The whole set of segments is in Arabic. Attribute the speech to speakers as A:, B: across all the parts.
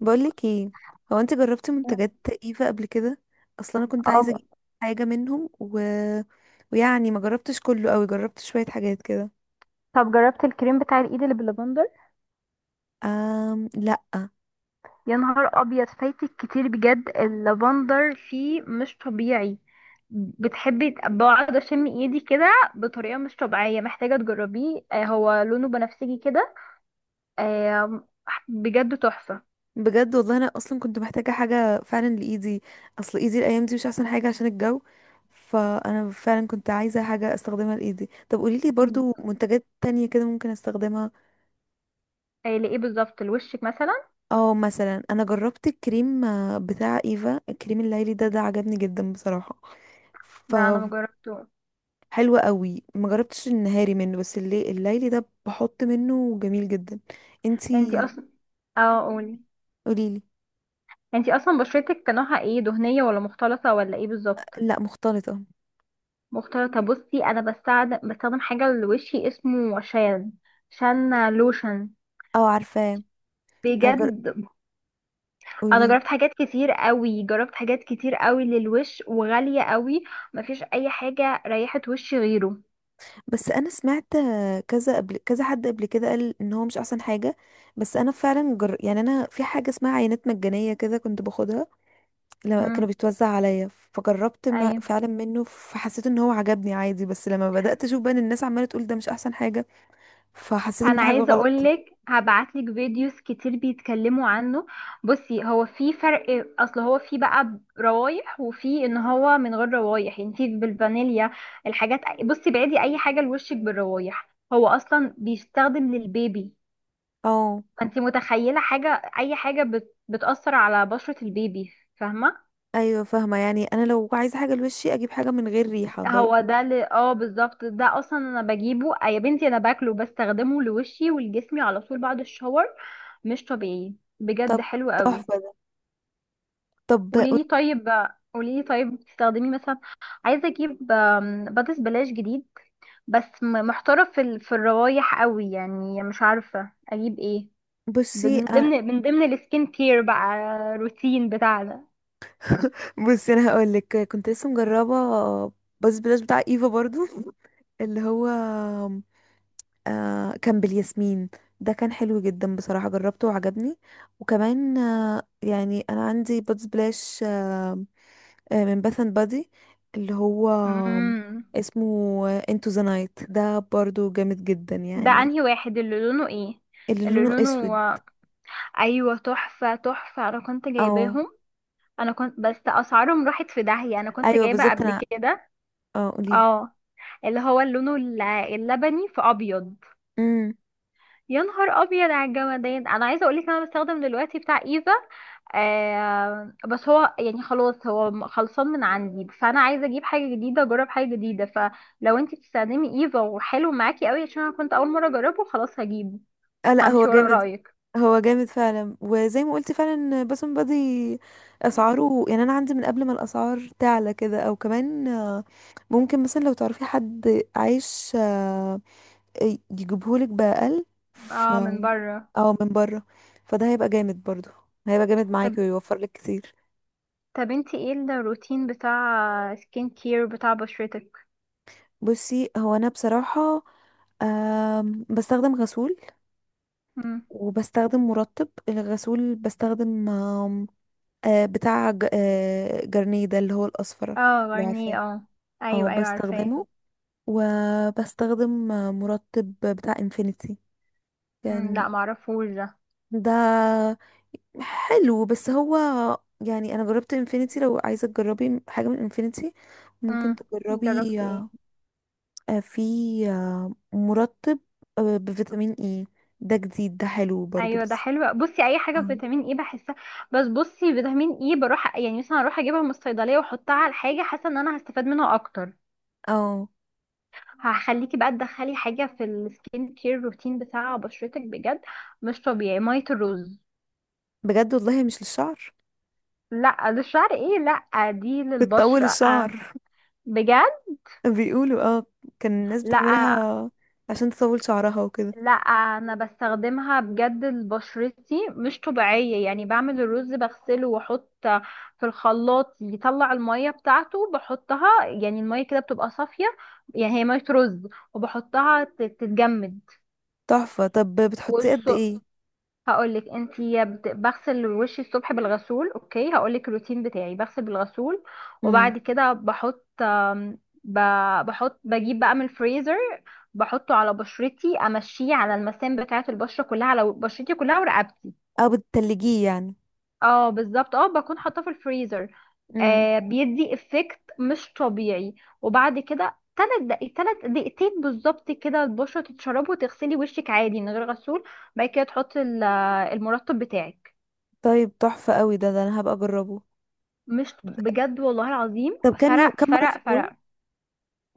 A: بقولك ايه؟ هو انت جربتي منتجات ايفا قبل كده؟ اصلا انا كنت عايزه
B: اه،
A: اجيب حاجه منهم ويعني ما جربتش كله قوي، جربت شويه حاجات كده.
B: طب جربت الكريم بتاع الايد اللي باللافندر.
A: لا.
B: يا نهار ابيض، فايتك كتير! بجد اللافندر فيه مش طبيعي. بقعد اشم ايدي كده بطريقه مش طبيعيه، محتاجه تجربيه. هو لونه بنفسجي كده. آه، بجد تحفه.
A: بجد والله انا اصلا كنت محتاجه حاجه فعلا لايدي، اصل ايدي الايام دي مش احسن حاجه عشان الجو. فانا فعلا كنت عايزه حاجه استخدمها لايدي. طب قوليلي
B: م.
A: برضو منتجات تانية كده ممكن استخدمها؟
B: لايه بالظبط لوشك مثلا؟
A: اه، مثلا انا جربت الكريم بتاع ايفا. الكريم الليلي ده عجبني جدا بصراحه. ف
B: لا انا ما جربته.
A: حلو قوي، ما جربتش النهاري منه بس اللي الليلي ده بحط منه جميل جدا.
B: انتي
A: انتي،
B: اصلا، اه قولي.
A: قوليلي.
B: انتي اصلا بشرتك نوعها ايه، دهنيه ولا مختلطه ولا ايه بالظبط؟
A: لا، مختلطة.
B: مختلطة. بصي أنا بستخدم حاجة لوشي اسمه شان، شان لوشن.
A: اه عارفاه. أجر...
B: بجد أنا
A: قولي.
B: جربت حاجات كتير قوي، جربت حاجات كتير قوي للوش وغالية قوي. مفيش أي حاجة ريحت وشي غيره.
A: بس انا سمعت كذا، قبل كذا حد قبل كده قال ان هو مش احسن حاجة. بس انا فعلا يعني انا في حاجة اسمها عينات مجانية كده كنت باخدها لما كانوا
B: مم.
A: بيتوزع عليا، فجربت ما...
B: أيوه،
A: فعلا منه، فحسيت ان هو عجبني عادي. بس لما بدأت اشوف بقى ان الناس عمالة تقول ده مش احسن حاجة، فحسيت ان
B: انا
A: في حاجة
B: عايزه
A: غلط.
B: اقولك هبعتلك فيديوز كتير بيتكلموا عنه. بصي هو في فرق، اصل هو في بقى روايح وفي ان هو من غير روايح، يعني في بالفانيليا. الحاجات بصي، بعدي اي حاجه لوشك بالروايح، هو اصلا بيستخدم للبيبي.
A: اه.
B: فانت متخيله حاجه، اي حاجه بتاثر على بشره البيبي، فاهمه؟
A: ايوه فاهمه، يعني انا لو عايزه حاجه لوشي اجيب حاجه من غير ريحه
B: هو ده اللي اه بالظبط، ده اصلا انا بجيبه. يا بنتي انا باكله، بستخدمه لوشي ولجسمي على طول بعد الشاور. مش طبيعي، بجد
A: طب
B: حلو قوي.
A: تحفه ده. طب،
B: قولي لي طيب، قولي لي طيب بتستخدمي مثلا؟ عايزه اجيب بادس بلاش جديد، بس محتاره في الروايح قوي، يعني مش عارفه اجيب ايه.
A: بصي
B: من ضمن من ضمن السكين كير بقى، روتين بتاعنا.
A: بصي انا هقول لك كنت لسه مجربه، بس بلاش بتاع ايفا برضو. اللي هو، كان بالياسمين. ده كان حلو جدا بصراحه، جربته وعجبني. وكمان يعني انا عندي بادز بلاش من باث اند بادي. اللي هو
B: امم،
A: اسمه انتو ذا نايت، ده برضو جامد جدا
B: ده
A: يعني.
B: انهي واحد، اللي لونه ايه؟
A: اللي
B: اللي
A: لونه
B: لونه،
A: اسود.
B: ايوه تحفه تحفه، انا كنت
A: اه،
B: جايباهم. انا كنت بس اسعارهم راحت في داهيه، انا كنت
A: ايوه
B: جايبه
A: بالظبط،
B: قبل
A: انا.
B: كده.
A: اه قوليلي.
B: اه، اللي هو لونه اللبني في ابيض.
A: امم.
B: يا نهار ابيض على الجمدان! انا عايزه اقول لك انا بستخدم دلوقتي بتاع ايفا، بس هو يعني خلاص هو خلصان من عندي، فانا عايزه اجيب حاجه جديده، اجرب حاجه جديده، فلو انت بتستخدمي ايفا وحلو معاكي قوي، عشان انا كنت اول مره اجربه، خلاص هجيبه.
A: آه لا، هو
B: همشي ورا
A: جامد.
B: رايك.
A: هو جامد فعلا، وزي ما قلت فعلا باسم بادي. اسعاره يعني، انا عندي من قبل ما الاسعار تعلى كده، او كمان ممكن مثلا لو تعرفي حد عايش يجيبهولك باقل. ف
B: اه، من بره.
A: او من بره، فده هيبقى جامد برضو، هيبقى جامد
B: طب،
A: معاكي ويوفر لك كتير.
B: طب انت ايه الروتين بتاع سكين كير بتاع بشرتك؟
A: بصي هو انا بصراحة بستخدم غسول.
B: مم.
A: وبستخدم مرطب الغسول، بستخدم آم، آه، بتاع جارنيه ده، اللي هو الأصفر.
B: اه
A: لو عارفاه.
B: غرنيه اه.
A: اه
B: ايوه ايوه عارفاه.
A: بستخدمه. وبستخدم مرطب بتاع انفينيتي
B: مم،
A: كان.
B: لا معرفوش ده.
A: ده حلو، بس هو يعني انا جربت انفينيتي، لو عايزه تجربي حاجه من انفينيتي ممكن
B: مم.
A: تجربي
B: جربتي ايه؟
A: في مرطب بفيتامين اي. ده جديد، ده حلو برضو
B: ايوه ده
A: بس.
B: حلو. بصي اي حاجه
A: اه.
B: بفيتامين اي بحسها، بس بصي فيتامين اي بروح يعني مثلا اروح اجيبها من الصيدليه واحطها على الحاجه، حاسه ان انا هستفاد منها اكتر.
A: آه،
B: هخليكي بقى تدخلي حاجه في السكين كير روتين بتاع بشرتك، بجد مش طبيعي، ميه الرز.
A: بجد والله مش للشعر.
B: لا للشعر ايه، لا دي
A: بتطول
B: للبشره.
A: الشعر.
B: بجد.
A: بيقولوا اه. كان الناس
B: لا
A: بتعملها عشان تطول شعرها وكده.
B: لا انا بستخدمها بجد لبشرتي، مش طبيعية. يعني بعمل الرز، بغسله واحط في الخلاط، يطلع المية بتاعته، بحطها، يعني المية كده بتبقى صافية، يعني هي مية رز، وبحطها تتجمد.
A: تحفة. طب بتحطيه قد ايه؟
B: هقولك انت بغسل وشي الصبح بالغسول، اوكي، هقولك الروتين بتاعي، بغسل بالغسول
A: امم.
B: وبعد كده بحط بجيب بقى من الفريزر، بحطه على بشرتي، امشيه على المسام بتاعه البشره كلها، على بشرتي كلها ورقبتي.
A: او بتتلجيه يعني.
B: اه بالظبط، اه بكون حاطاه في الفريزر.
A: امم.
B: آه بيدي افكت مش طبيعي. وبعد كده تلات دقايق، تلات دقيقتين بالظبط كده، البشرة تتشرب، وتغسلي وشك عادي من غير غسول، بعد كده تحطي المرطب بتاعك.
A: طيب تحفة قوي ده انا هبقى اجربه.
B: مش بجد، والله العظيم
A: طب كام يوم،
B: فرق
A: كام مرة في
B: فرق
A: اليوم؟
B: فرق.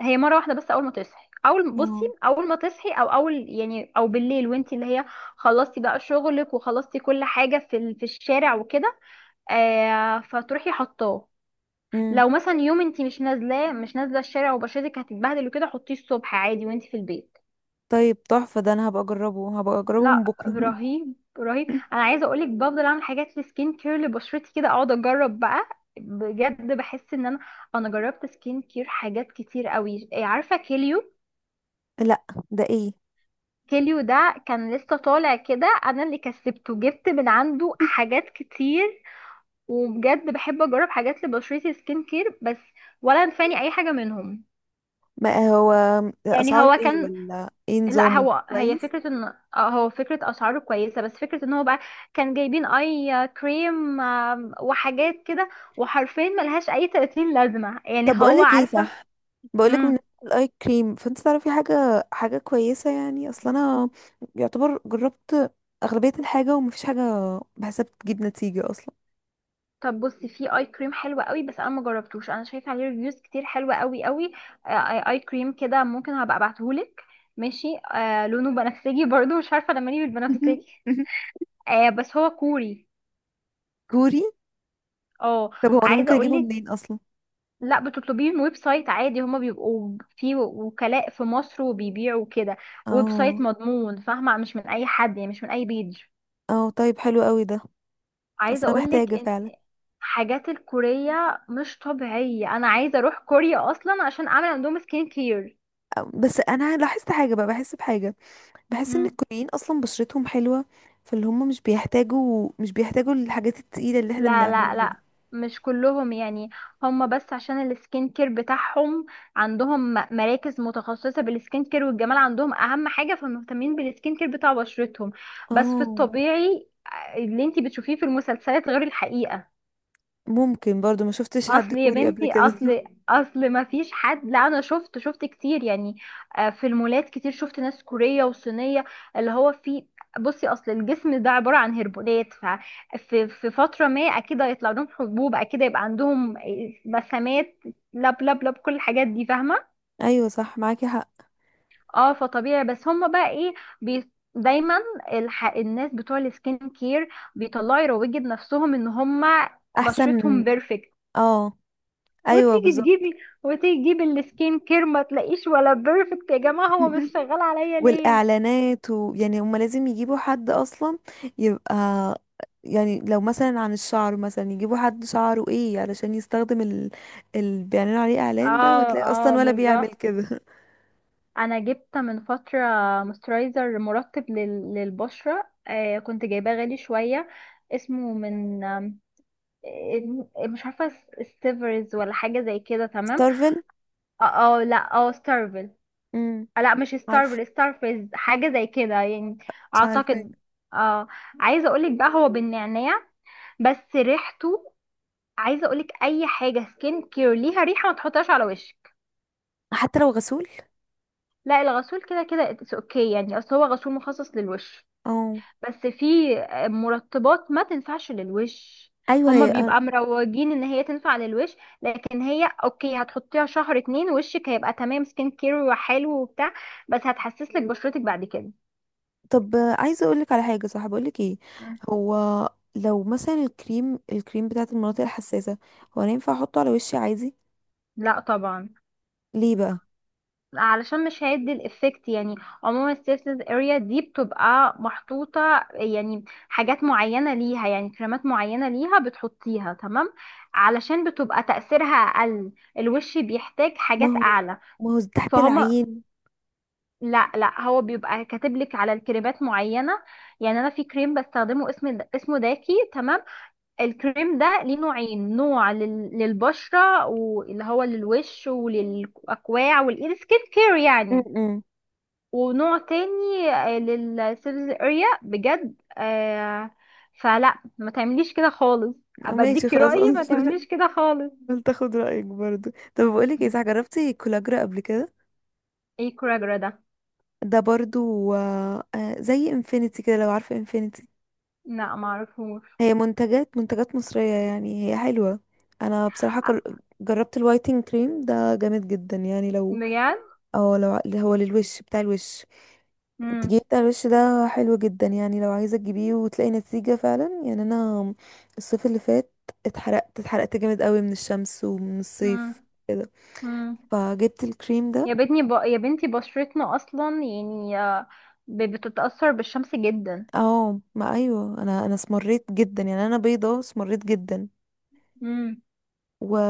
B: هي مره واحده بس، اول ما تصحي، اول بصي،
A: اه.
B: اول ما تصحي او اول يعني، او بالليل وانت اللي هي خلصتي بقى شغلك وخلصتي كل حاجه في الشارع وكده، آه فتروحي حطاه.
A: امم.
B: لو مثلا يوم انت مش نازلاه، مش نازله الشارع، وبشرتك هتتبهدل وكده، حطيه الصبح عادي وانت في البيت.
A: طيب تحفة ده، انا هبقى اجربه، هبقى اجربه من
B: لا
A: بكرة.
B: رهيب رهيب. انا عايزه اقولك، بفضل اعمل حاجات لسكين كير لبشرتي كده، اقعد اجرب بقى، بجد بحس ان انا، انا جربت سكين كير حاجات كتير قوي. عارفه كيليو؟
A: لا، ده ايه؟
B: كيليو ده كان لسه طالع كده، انا اللي كسبته جبت من عنده حاجات كتير. وبجد بحب اجرب حاجات لبشرتي سكين كير بس، ولا نفاني اي حاجه منهم.
A: ما هو
B: يعني
A: اسعاره
B: هو
A: ايه،
B: كان،
A: ولا ايه
B: لا
A: نظامه،
B: هو هي
A: كويس؟
B: فكرة ان، هو فكرة اسعاره كويسة، بس فكرة ان هو بقى كان جايبين اي كريم وحاجات كده، وحرفيا ملهاش اي 30 لازمة، يعني
A: طب
B: هو
A: بقولك ايه،
B: عارفة.
A: صح؟ بقولك
B: امم،
A: بالنسبة للاي كريم، فانت تعرفي حاجة، حاجة كويسة؟ يعني اصل انا يعتبر جربت اغلبية الحاجة، ومفيش حاجة بحسها بتجيب نتيجة اصلا.
B: طب بصي في اي كريم حلوة قوي بس انا ما جربتوش، انا شايفة عليه ريفيوز كتير حلوة قوي قوي. اي كريم كده ممكن هبقى ابعتهولك. ماشي، آه لونه بنفسجي برضو، مش عارفة لما ليه بالبنفسجي. آه بس هو كوري.
A: كوري.
B: اه،
A: طب هو انا
B: عايزة
A: ممكن اجيبه
B: اقولك،
A: منين اصلا؟
B: لا بتطلبيه من ويب سايت عادي، هما بيبقوا في وكلاء في مصر وبيبيعوا كده. ويب سايت
A: اه.
B: مضمون، فاهمة، مش من أي حد، يعني مش من أي بيج.
A: اه طيب، حلو قوي ده. اصل
B: عايزة
A: انا
B: أقولك
A: محتاجة
B: إن
A: فعلا.
B: حاجات الكورية مش طبيعية، أنا عايزة أروح كوريا أصلا عشان أعمل عندهم سكين كير.
A: بس انا لاحظت حاجة بقى، بحس بحاجة، بحس ان
B: مم.
A: الكوريين اصلا بشرتهم حلوة، فاللي هم مش بيحتاجوا، الحاجات التقيلة اللي احنا
B: لا لا
A: بنعملها.
B: لا، مش كلهم يعني. هم بس عشان السكين كير بتاعهم، عندهم مراكز متخصصة بالسكين كير والجمال، عندهم أهم حاجة، فمهتمين بالسكين كير بتاع بشرتهم. بس في
A: اه.
B: الطبيعي، اللي انتي بتشوفيه في المسلسلات غير الحقيقة.
A: ممكن برضو، ما شفتش حد
B: اصل يا
A: كوري قبل
B: بنتي،
A: كده.
B: اصل، اصل ما فيش حد، لا انا شفت، شفت كتير يعني، في المولات كتير شفت ناس كورية وصينية. اللي هو في، بصي اصل الجسم ده عبارة عن هرمونات، ففي في فترة ما اكيد هيطلع لهم حبوب، اكيد هيبقى عندهم مسامات، لب لب لب، كل الحاجات دي فاهمة.
A: ايوه صح، معاكي حق.
B: اه فطبيعي، بس هم بقى ايه، بي دايما، الناس بتوع السكين كير بيطلعوا يروجوا لنفسهم ان هم
A: احسن.
B: بشرتهم بيرفكت،
A: اه، ايوه
B: وتيجي
A: بالظبط.
B: تجيبي وتيجي تجيبي السكين كير ما تلاقيش ولا بيرفكت، يا جماعة هو مش شغال عليا ليه؟
A: والاعلانات، ويعني هما لازم يجيبوا حد اصلا يبقى، يعني لو مثلا عن الشعر، مثلا يجيبوا حد شعره ايه علشان يستخدم اللي بيعلنوا عليه اعلان ده،
B: اه،
A: وهتلاقي اصلا
B: اه
A: ولا بيعمل
B: بالظبط.
A: كده.
B: انا جبت من فترة موسترايزر مرطب للبشرة، آه كنت جايباه غالي شوية، اسمه من مش عارفة ستيفرز ولا حاجة زي كده، تمام.
A: ستارفل.
B: اه لا اه ستارفل،
A: امم.
B: لا مش
A: عارفه،
B: ستارفل، ستارفيز حاجة زي كده يعني،
A: مش عارفه.
B: اعتقد. اه، عايزة اقولك بقى، هو بالنعناع بس ريحته، عايزه اقولك اي حاجه سكين كير ليها ريحه ما تحطهاش على وشك.
A: حتى لو غسول.
B: لا الغسول كده كده اتس اوكي يعني، اصل هو غسول مخصص للوش.
A: اه،
B: بس في مرطبات ما تنفعش للوش،
A: ايوه
B: هما
A: هي.
B: بيبقى مروجين ان هي تنفع للوش، لكن هي اوكي هتحطيها شهر اتنين، وشك هيبقى تمام سكين كير وحلو وبتاع، بس هتحسسلك بشرتك بعد كده.
A: طب عايزه اقولك على حاجه، صح؟ بقولك ايه،
B: مم.
A: هو لو مثلا الكريم، بتاعت المناطق الحساسه، هو انا ينفع احطه على وشي عادي؟
B: لا طبعا،
A: ليه بقى؟
B: علشان مش هيدي الافكت يعني. عموما السيرفيس اريا دي بتبقى محطوطة يعني، حاجات معينة ليها، يعني كريمات معينة ليها بتحطيها تمام، علشان بتبقى تأثيرها أقل، الوش بيحتاج
A: ما
B: حاجات
A: هو،
B: أعلى.
A: تحت
B: فهما،
A: العين.
B: لا لا هو بيبقى كاتب لك على الكريمات معينة، يعني أنا في كريم بستخدمه، اسمه داكي تمام. الكريم ده ليه نوعين، نوع للبشرة واللي هو للوش وللأكواع والإيد سكين كير يعني،
A: امم.
B: ونوع تاني للسيرفيس اريا بجد آه. فلا ما تعمليش كده خالص،
A: ماشي
B: ابديكي
A: خلاص.
B: رأيي ما تعمليش كده خالص.
A: قلت اخد رايك برضو. طب بقولك ايه، صح؟ جربتي كولاجرا قبل كده؟
B: ايه كوراجرا ده؟
A: ده برضو زي انفينيتي كده، لو عارفه انفينيتي.
B: لا معرفوش.
A: هي منتجات، مصريه يعني، هي حلوه. انا بصراحه جربت الوايتنج كريم ده، جامد جدا يعني. لو
B: بجد.
A: اه، لو اللي هو للوش، بتاع الوش،
B: مم.
A: التجميل بتاع الوش ده، حلو جدا يعني. لو عايزة تجيبيه وتلاقي نتيجة فعلا. يعني انا الصيف اللي فات اتحرقت، اتحرقت جامد قوي من الشمس ومن
B: مم.
A: الصيف كده،
B: مم.
A: فجبت الكريم ده.
B: يا بنتي يا بنتي بشرتنا اصلا يعني، بتتأثر بالشمس جدا.
A: اه. ما ايوه، انا اسمريت جدا، يعني انا بيضة اسمريت جدا.
B: مم.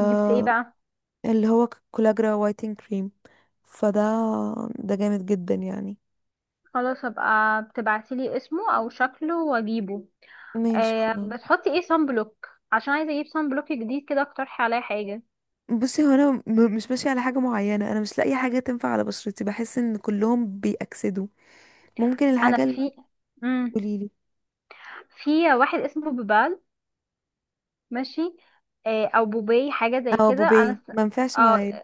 B: جبت ايه بقى؟
A: هو كولاجرا وايتنج كريم. فده جامد جدا يعني.
B: خلاص ابقى بتبعتيلي اسمه او شكله واجيبه.
A: ماشي
B: آه
A: خلاص.
B: بتحطي ايه صن بلوك، عشان عايزه اجيب صن بلوك جديد كده، اقترحي عليا حاجه.
A: بصي هو انا مش ماشيه على حاجه معينه، انا مش لاقي حاجه تنفع على بشرتي، بحس ان كلهم بيأكسدوا. ممكن
B: انا
A: الحاجه اللي
B: في، امم،
A: هتقولي لي.
B: في واحد اسمه بوبال، ماشي، آه او بوباي حاجه زي
A: او
B: كده،
A: بوبي ما ينفعش معايا.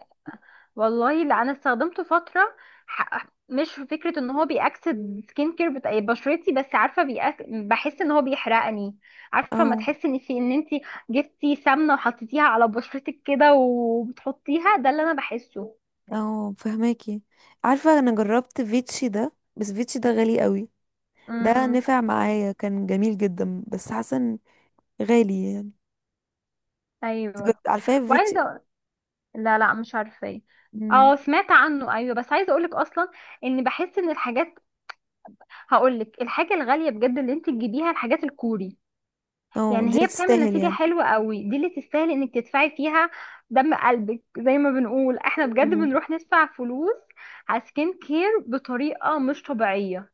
B: والله لا انا استخدمته فتره، مش في فكره ان هو بيأكسد سكين كير بتاع بشرتي، بس عارفه بحس ان هو بيحرقني. عارفه، ما
A: او،
B: تحسي ان في ان انت جبتي سمنه وحطيتيها على بشرتك كده وبتحطيها، ده اللي انا بحسه.
A: فهماكي. عارفه انا جربت فيتشي ده، بس فيتشي ده غالي قوي. ده
B: امم،
A: نفع معايا، كان جميل جدا، بس حاسه إن غالي يعني.
B: ايوه
A: عارفه فيتشي.
B: وعايزه، لا لا مش عارفاه.
A: مم.
B: اه سمعت عنه ايوه، بس عايزه اقولك اصلا، ان بحس ان الحاجات، هقولك الحاجه الغاليه بجد اللي انت تجيبيها الحاجات الكوري،
A: اه، دي
B: يعني هي
A: اللي
B: بتعمل
A: تستاهل
B: نتيجه
A: يعني.
B: حلوه قوي، دي اللي تستاهل انك تدفعي فيها دم قلبك زي ما بنقول احنا، بجد
A: مم.
B: بنروح ندفع فلوس على سكين كير بطريقه مش طبيعيه.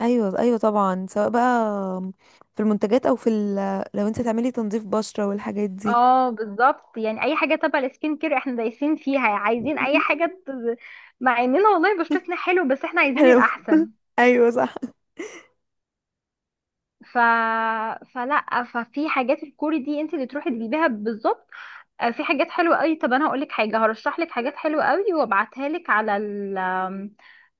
A: ايوه، ايوه طبعا، سواء بقى في المنتجات او في لو انت تعملي تنظيف بشره والحاجات دي.
B: اه بالظبط، يعني اي حاجه تبع السكين كير احنا دايسين فيها، عايزين اي حاجه مع اننا والله بشرتنا حلو بس احنا عايزين
A: حلو.
B: الاحسن.
A: ايوه صح.
B: ف... فلا ففي حاجات الكوري دي انت اللي تروحي تجيبيها بالظبط. في حاجات حلوه قوي، طب انا هقول لك حاجه، هرشح لك حاجات حلوه قوي وابعتها لك على ال آم،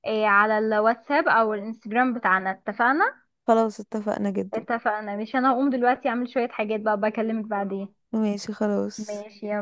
B: على الواتساب او الانستجرام بتاعنا، اتفقنا؟
A: خلاص، اتفقنا جدا.
B: اتفقنا، مش انا هقوم دلوقتي اعمل شويه حاجات بقى، بكلمك بعدين.
A: ماشي خلاص.
B: ماشي.